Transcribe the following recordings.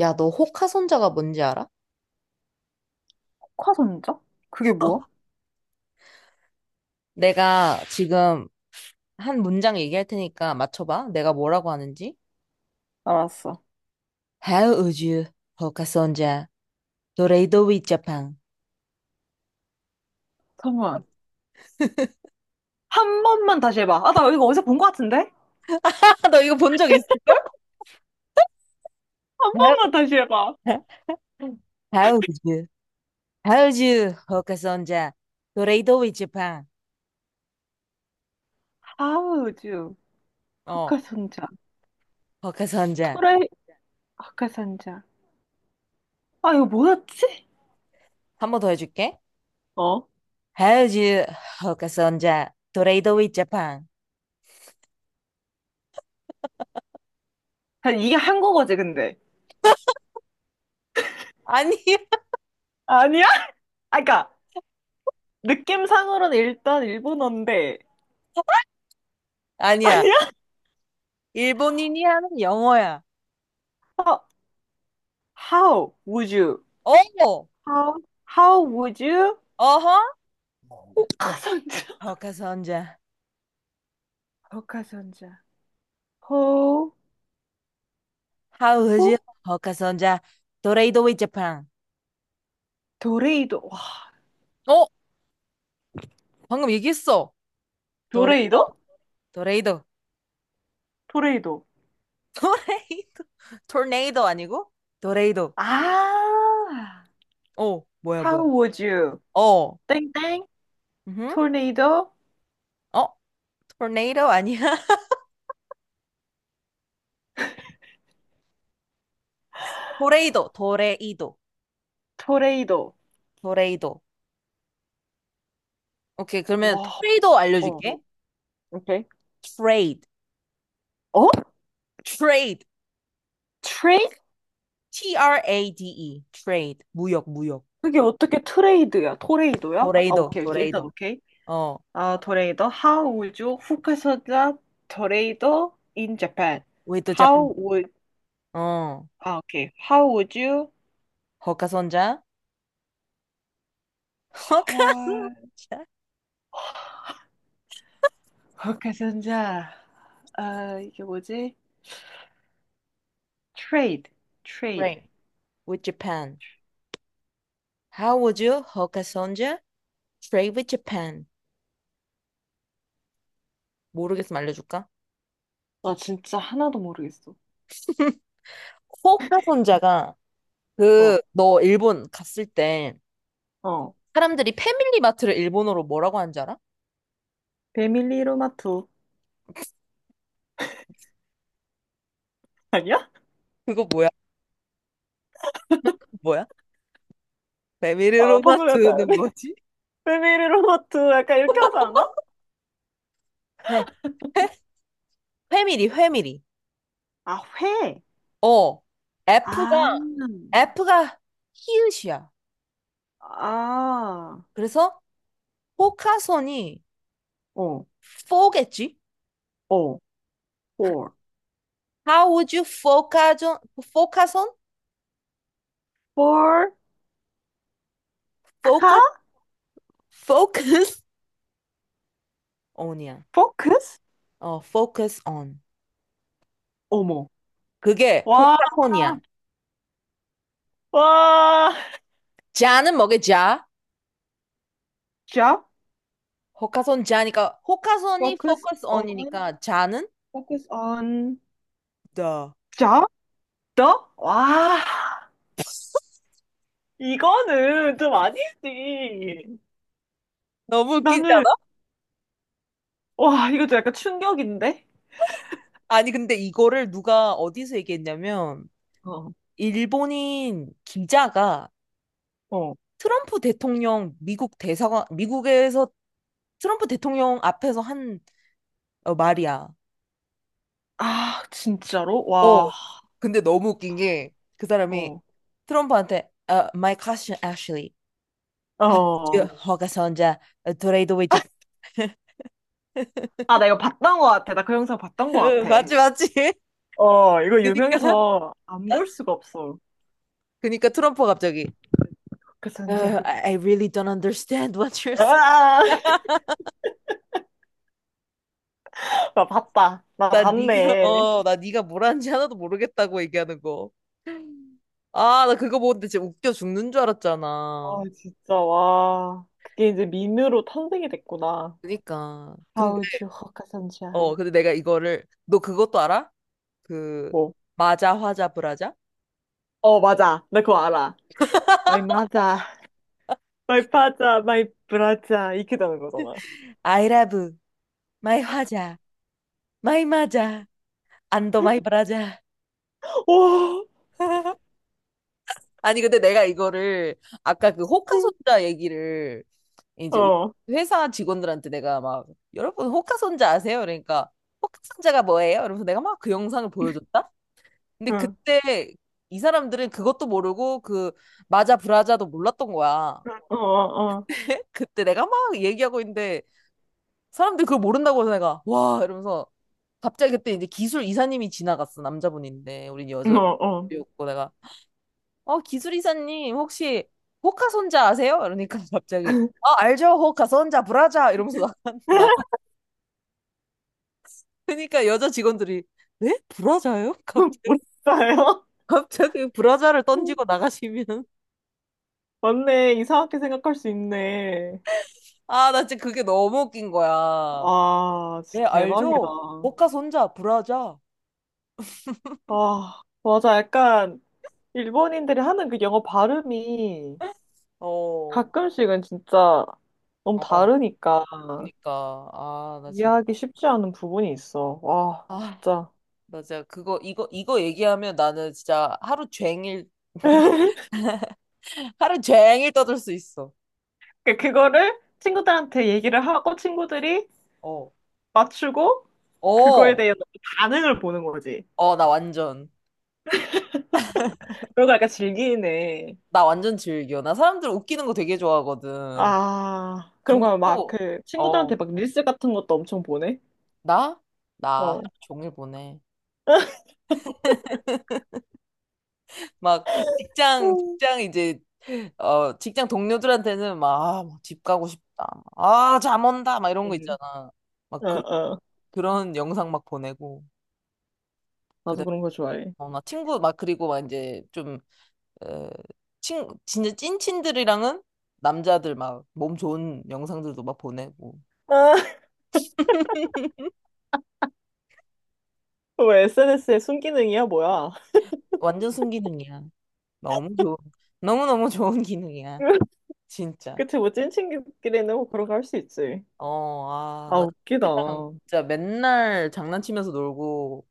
야, 너 호카손자가 뭔지 알아? 특화선적? 그게 뭐야? 내가 지금 한 문장 얘기할 테니까 맞춰봐. 내가 뭐라고 하는지. 알았어. How would you, 호카손자, 도레이도 위자팡. 잠깐만. 한 번만 다시 해봐. 아, 나 이거 어디서 본 것 같은데? 너 이거 본 적 있을걸? 한 번만 다시 해봐. How would you, how would you, 호카손자, 도레이도 위자팡. 하우 u 헛 어, 카선자 호카손자. 철의 헛카선자 아, 이거 뭐였지? 한 번 더 해줄게. 어? How would you, 호카손자, 도레이도 위자팡. 아, 이게 한국어지, 근데. 아니야, 아니야? 아, 그니까, 느낌상으로는 일단 일본어인데. 아 아니야. 니 일본인이 하는 영어야. 어, How would you? 어, How? How would you? 어허. 호카선자. 호카선자. 헛카선자 호, How you? 호, 호카선자, 도레이도 p 자 n. 도레이도. 와, 어? 방금 얘기했어. 도레이도, 도레이도? 도레이도. 도레이도. 도레이도, 토네이도 아니고 도레이도. 아, 어, 뭐야 뭐야. how would you? 어, 땡땡, 음, 토네이도, 어, 토네이도 아니야. 도레이도 도레이도 토레이도. 도레이도. 오케이. 그러면 토 와, 레이더 어, 알려줄게. 오케이. Trade. 어? 트레이드. 트레이? T-R-A-D-E, T R A D E. Trade. 무역 무역. 그게 어떻게 트레이드야? 토레이도야? 아, 도레이도 오케이, 오케이. 일단 도레이도. 오케이. 어, 아, 토레이도. How would you? 후카사자 토레이도 in Japan. a p 자 n. How would, 어. 아, 오케이. How would you? 호카선자. Hokkaido. 헐, 후카사자. 아, 이게 뭐지? 트레이드, 트레이드. Train with Japan. How would you 호카손자 trade with Japan? 모르겠으면 알려줄까? 나 진짜 하나도 모르겠어. 호카손자가, 어, 그, 너 일본 갔을 때 어. 사람들이 패밀리 마트를 일본어로 뭐라고 하는 줄 알아? 패밀리 로마투 아니야? 그거 뭐야? 뭐야? 패밀리 어, 로마 방금 트 약간 는 뭐지? 패밀리 로마트 약간 이렇게 하지 않아? 회. 회? 회밀리회밀리. 아, 회. 어. 아, F가, F가 히읗이야. 아, 그래서 호카손이 어, 포겠지? 어, for, How would you focus on, focus on, for, focus, 카, focus on이야. focus, 어, focus on. 어머, 그게 와, 호카손이야. 와, 자는 뭐게 자? job, 호카손 자니까 호카손이 focus focus on, on이니까 자는 focus on, the. job, the, 와. 이거는 좀 아니지. 너무 웃기지 나는, 않아? 와, 이거 좀 약간 충격인데? 아니 근데 이거를 누가 어디서 얘기했냐면 어, 일본인 기자가 어. 트럼프 대통령, 미국 대사관, 미국에서 트럼프 대통령 앞에서 한, 어, 말이야. 아, 진짜로? 어. 와, 근데 너무 웃긴 게 그 사람이 어, 트럼프한테 어 My question actually 아주 어. 허가선자 트레이드 위치. 아, 나 이거 봤던 것 같아. 나 그 영상 봤던 것 같아. 맞지 맞지. 어, 이거 그니까, 유명해서 안 볼 수가 없어. 그니까 트럼프가 갑자기 그 선지야. I really don't understand what you're saying." 아, 나 봤다. 나 나 네가 봤네. 어나 네가 뭘 하는지 하나도 모르겠다고 얘기하는 거. 아, 나 그거 보는데 진짜 웃겨 죽는 줄 알았잖아. 아, 진짜, 와. 그게 이제 밈으로 탄생이 됐구나. 그니까 How 근데, would you hook a 선지야? 어, 근데 내가 이거를, 너 그것도 알아? 그 뭐. 마자 화자 브라자. 어, 맞아. 나 그거 알아. My mother, my father, my brother. 이렇게 되는 거잖아. 아이라브 마이 화자, 마이 마자, 안도 마이 브라자. 와, 아니, 근데 내가 이거를, 아까 그 진- 호카손자 얘기를, 이제 우리 어, 회사 직원들한테 내가 막 여러분 호카손자 아세요? 그러니까 호카손자가 뭐예요? 이러면서 내가 막 그 영상을 보여줬다. 근데 응, 그때 이 사람들은 그것도 모르고 그 마자 브라자도 몰랐던 거야. 어, 어. 그때 내가 막 얘기하고 있는데 사람들이 그걸 모른다고 해서 내가 와 이러면서 갑자기 그때 이제 기술 이사님이 지나갔어. 남자분인데 우린 어, 어. 여자였고 내가 어, 기술 이사님 혹시 호카손자 아세요? 이러니까 갑자기 아 알죠 호카손자 브라자 이러면서 나간 나. 러니까 여자 직원들이 네? 브라자요? 갑자기 몰랐요 갑자기 브라자를 던지고 나가시면. 맞네. 이상하게 생각할 수 있네. 아 나 진짜 그게 너무 웃긴 거야. 아, 네 진짜 대박이다. 알죠 호카손자 브라자. 아, 맞아. 약간 일본인들이 하는 그 영어 발음이 어, 가끔씩은 진짜 너무 어, 다르니까 그니까, 아, 나 진짜, 이해하기 쉽지 않은 부분이 있어. 와, 아. 진짜. 맞아. 그거, 이거 얘기하면 나는 진짜 하루 종일, 하루 종일 떠들 수 있어. 그거를 친구들한테 얘기를 하고 친구들이 어. 맞추고 그거에 어. 대한 반응을 보는 거지. 어, 나 완전, 그러고 약간 즐기네. 나 완전 즐겨. 나 사람들 웃기는 거 되게 좋아하거든. 아, 그런 근데 거야. 막 또, 그 어, 친구들한테 막 릴스 같은 것도 엄청 보내? 나? 나 하루 어. 종일 보내. 막, 직장, 음. 직장 이제, 어, 직장 동료들한테는 막, 아, 막집 가고 싶다. 아, 잠 온다. 막 이런 거 음. 있잖아. 막, 어, 그, 어. 그런 영상 막 보내고. 나도 그다음에 그런 거 좋아해. 어, 나 친구 막, 그리고 막 이제 좀, 에, 진짜 찐친들이랑은 남자들 막 몸 좋은 영상들도 막 보내고. 아, 왜 SNS의 순기능이야, 뭐야? 완전 순기능이야. 너무 좋은, 너무너무 좋은 기능이야. 진짜. 그치, 뭐 찐친구끼리는 뭐 그런 거 할 수 있지. 어, 아, 아, 나 웃기다. 친구들이랑 응, 진짜 맨날 장난치면서 놀고,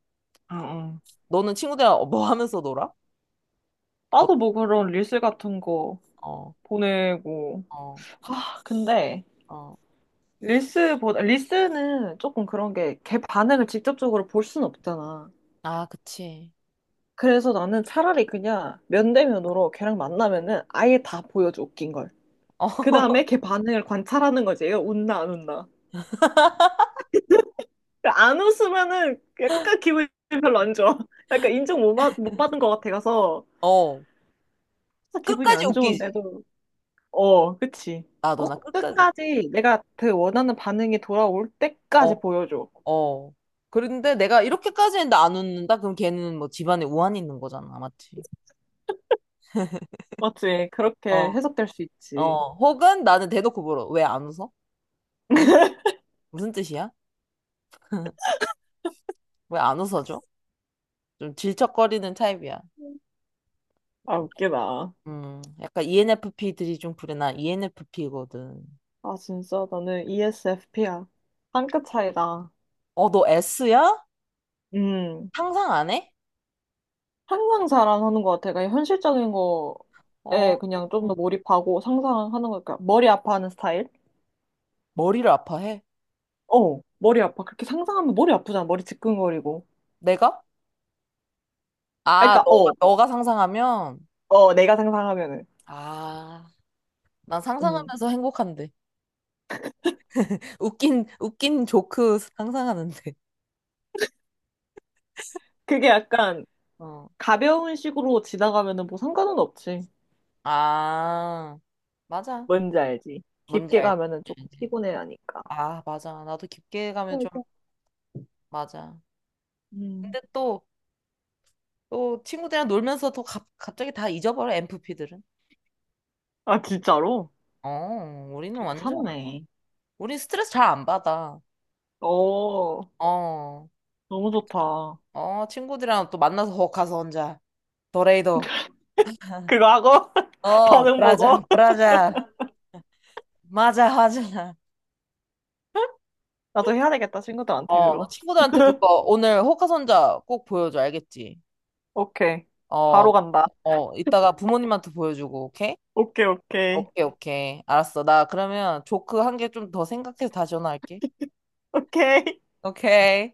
응. 너는 친구들이랑 어, 뭐 하면서 놀아? 어, 나도 뭐 그런 릴스 같은 거 어, 보내고. 어. 아, 근데 어. 릴스보다 릴스는 조금 그런 게 걔 반응을 직접적으로 볼 순 없잖아. 아, 그치. 그래서 나는 차라리 그냥 면대면으로 걔랑 만나면은 아예 다 보여줘, 웃긴 걸. 어, 그 다음에 걔 반응을 관찰하는 거지. 얘가 웃나, 안 웃나. 안 웃으면은 약간 기분이 별로 안 좋아. 약간 인정 못 받은 것 같아 가서. 어. 항상 기분이 끝까지 안 웃기지. 좋은데도. 어, 그치. 나도 나 꼭 끝까지. 끝까지 내가 그 원하는 반응이 돌아올 어. 때까지 보여줘. 어. 그런데 내가 이렇게까지 했는데 안 웃는다? 그럼 걔는 뭐 집안에 우환이 있는 거잖아. 맞지? 맞지? 그렇게 어. 해석될 수 있지. 어. 혹은 나는 대놓고 물어. 왜 안 웃어? 무슨, 무슨 뜻이야? 왜 안 웃어줘? 좀 질척거리는 타입이야. 아, 웃기다. 음. 약간 ENFP들이 좀 그래. 나 ENFP거든. 아, 진짜 나는 ESFP야. 한 끗 차이다. 어, 너 S야? 음. 상상 안 해? 항상 자랑하는 것 같아. 그러니까 현실적인 어, 거에 그냥 좀 더 몰입하고 상상하는 거니까 머리 아파하는 스타일? 머리를 아파해. 어, 머리 아파. 그렇게 상상하면 머리 아프잖아. 머리 지끈거리고. 내가? 아, 아, 그러니까 너가, 어, 너가 상상하면? 어, 내가 상상하면은, 아, 난 음, 상상하면서 행복한데. 웃긴 조크 상상하는데. 그게 약간 어. 가벼운 식으로 지나가면은 뭐 상관은 없지. 아, 맞아. 뭔지 알지? 뭔지 깊게 알지? 가면은 조금 알지. 피곤해 하니까. 아, 맞아. 나도 깊게 가면 좀, 맞아. 맞아. 음. 근데 또, 또 친구들이랑 놀면서 또 갑자기 다 잊어버려, m 프피들은. 아, 진짜로? 어, 우리는 완전, 괜찮네. 우린 스트레스 잘 안 받아. 어, 어, 너무 좋다. 어, 친구들이랑 또 만나서 거 가서 혼자. 도레이도. 그거 하고 어, 반응 보고 브라자, 브라자. 맞아, 맞아. 나도 해야 되겠다 친구들한테 어, 나 그거. 친구들한테 그거 오늘 호카손자 꼭 보여줘, 알겠지? 오케이. 어, 바로 간다. 어, 이따가 부모님한테 보여주고, 오케이? 오케이, 오케이. 오케이, 오케이. 알았어. 나 그러면 조크 한 개 좀 더 생각해서 다시 전화할게. 오케이. 오케이.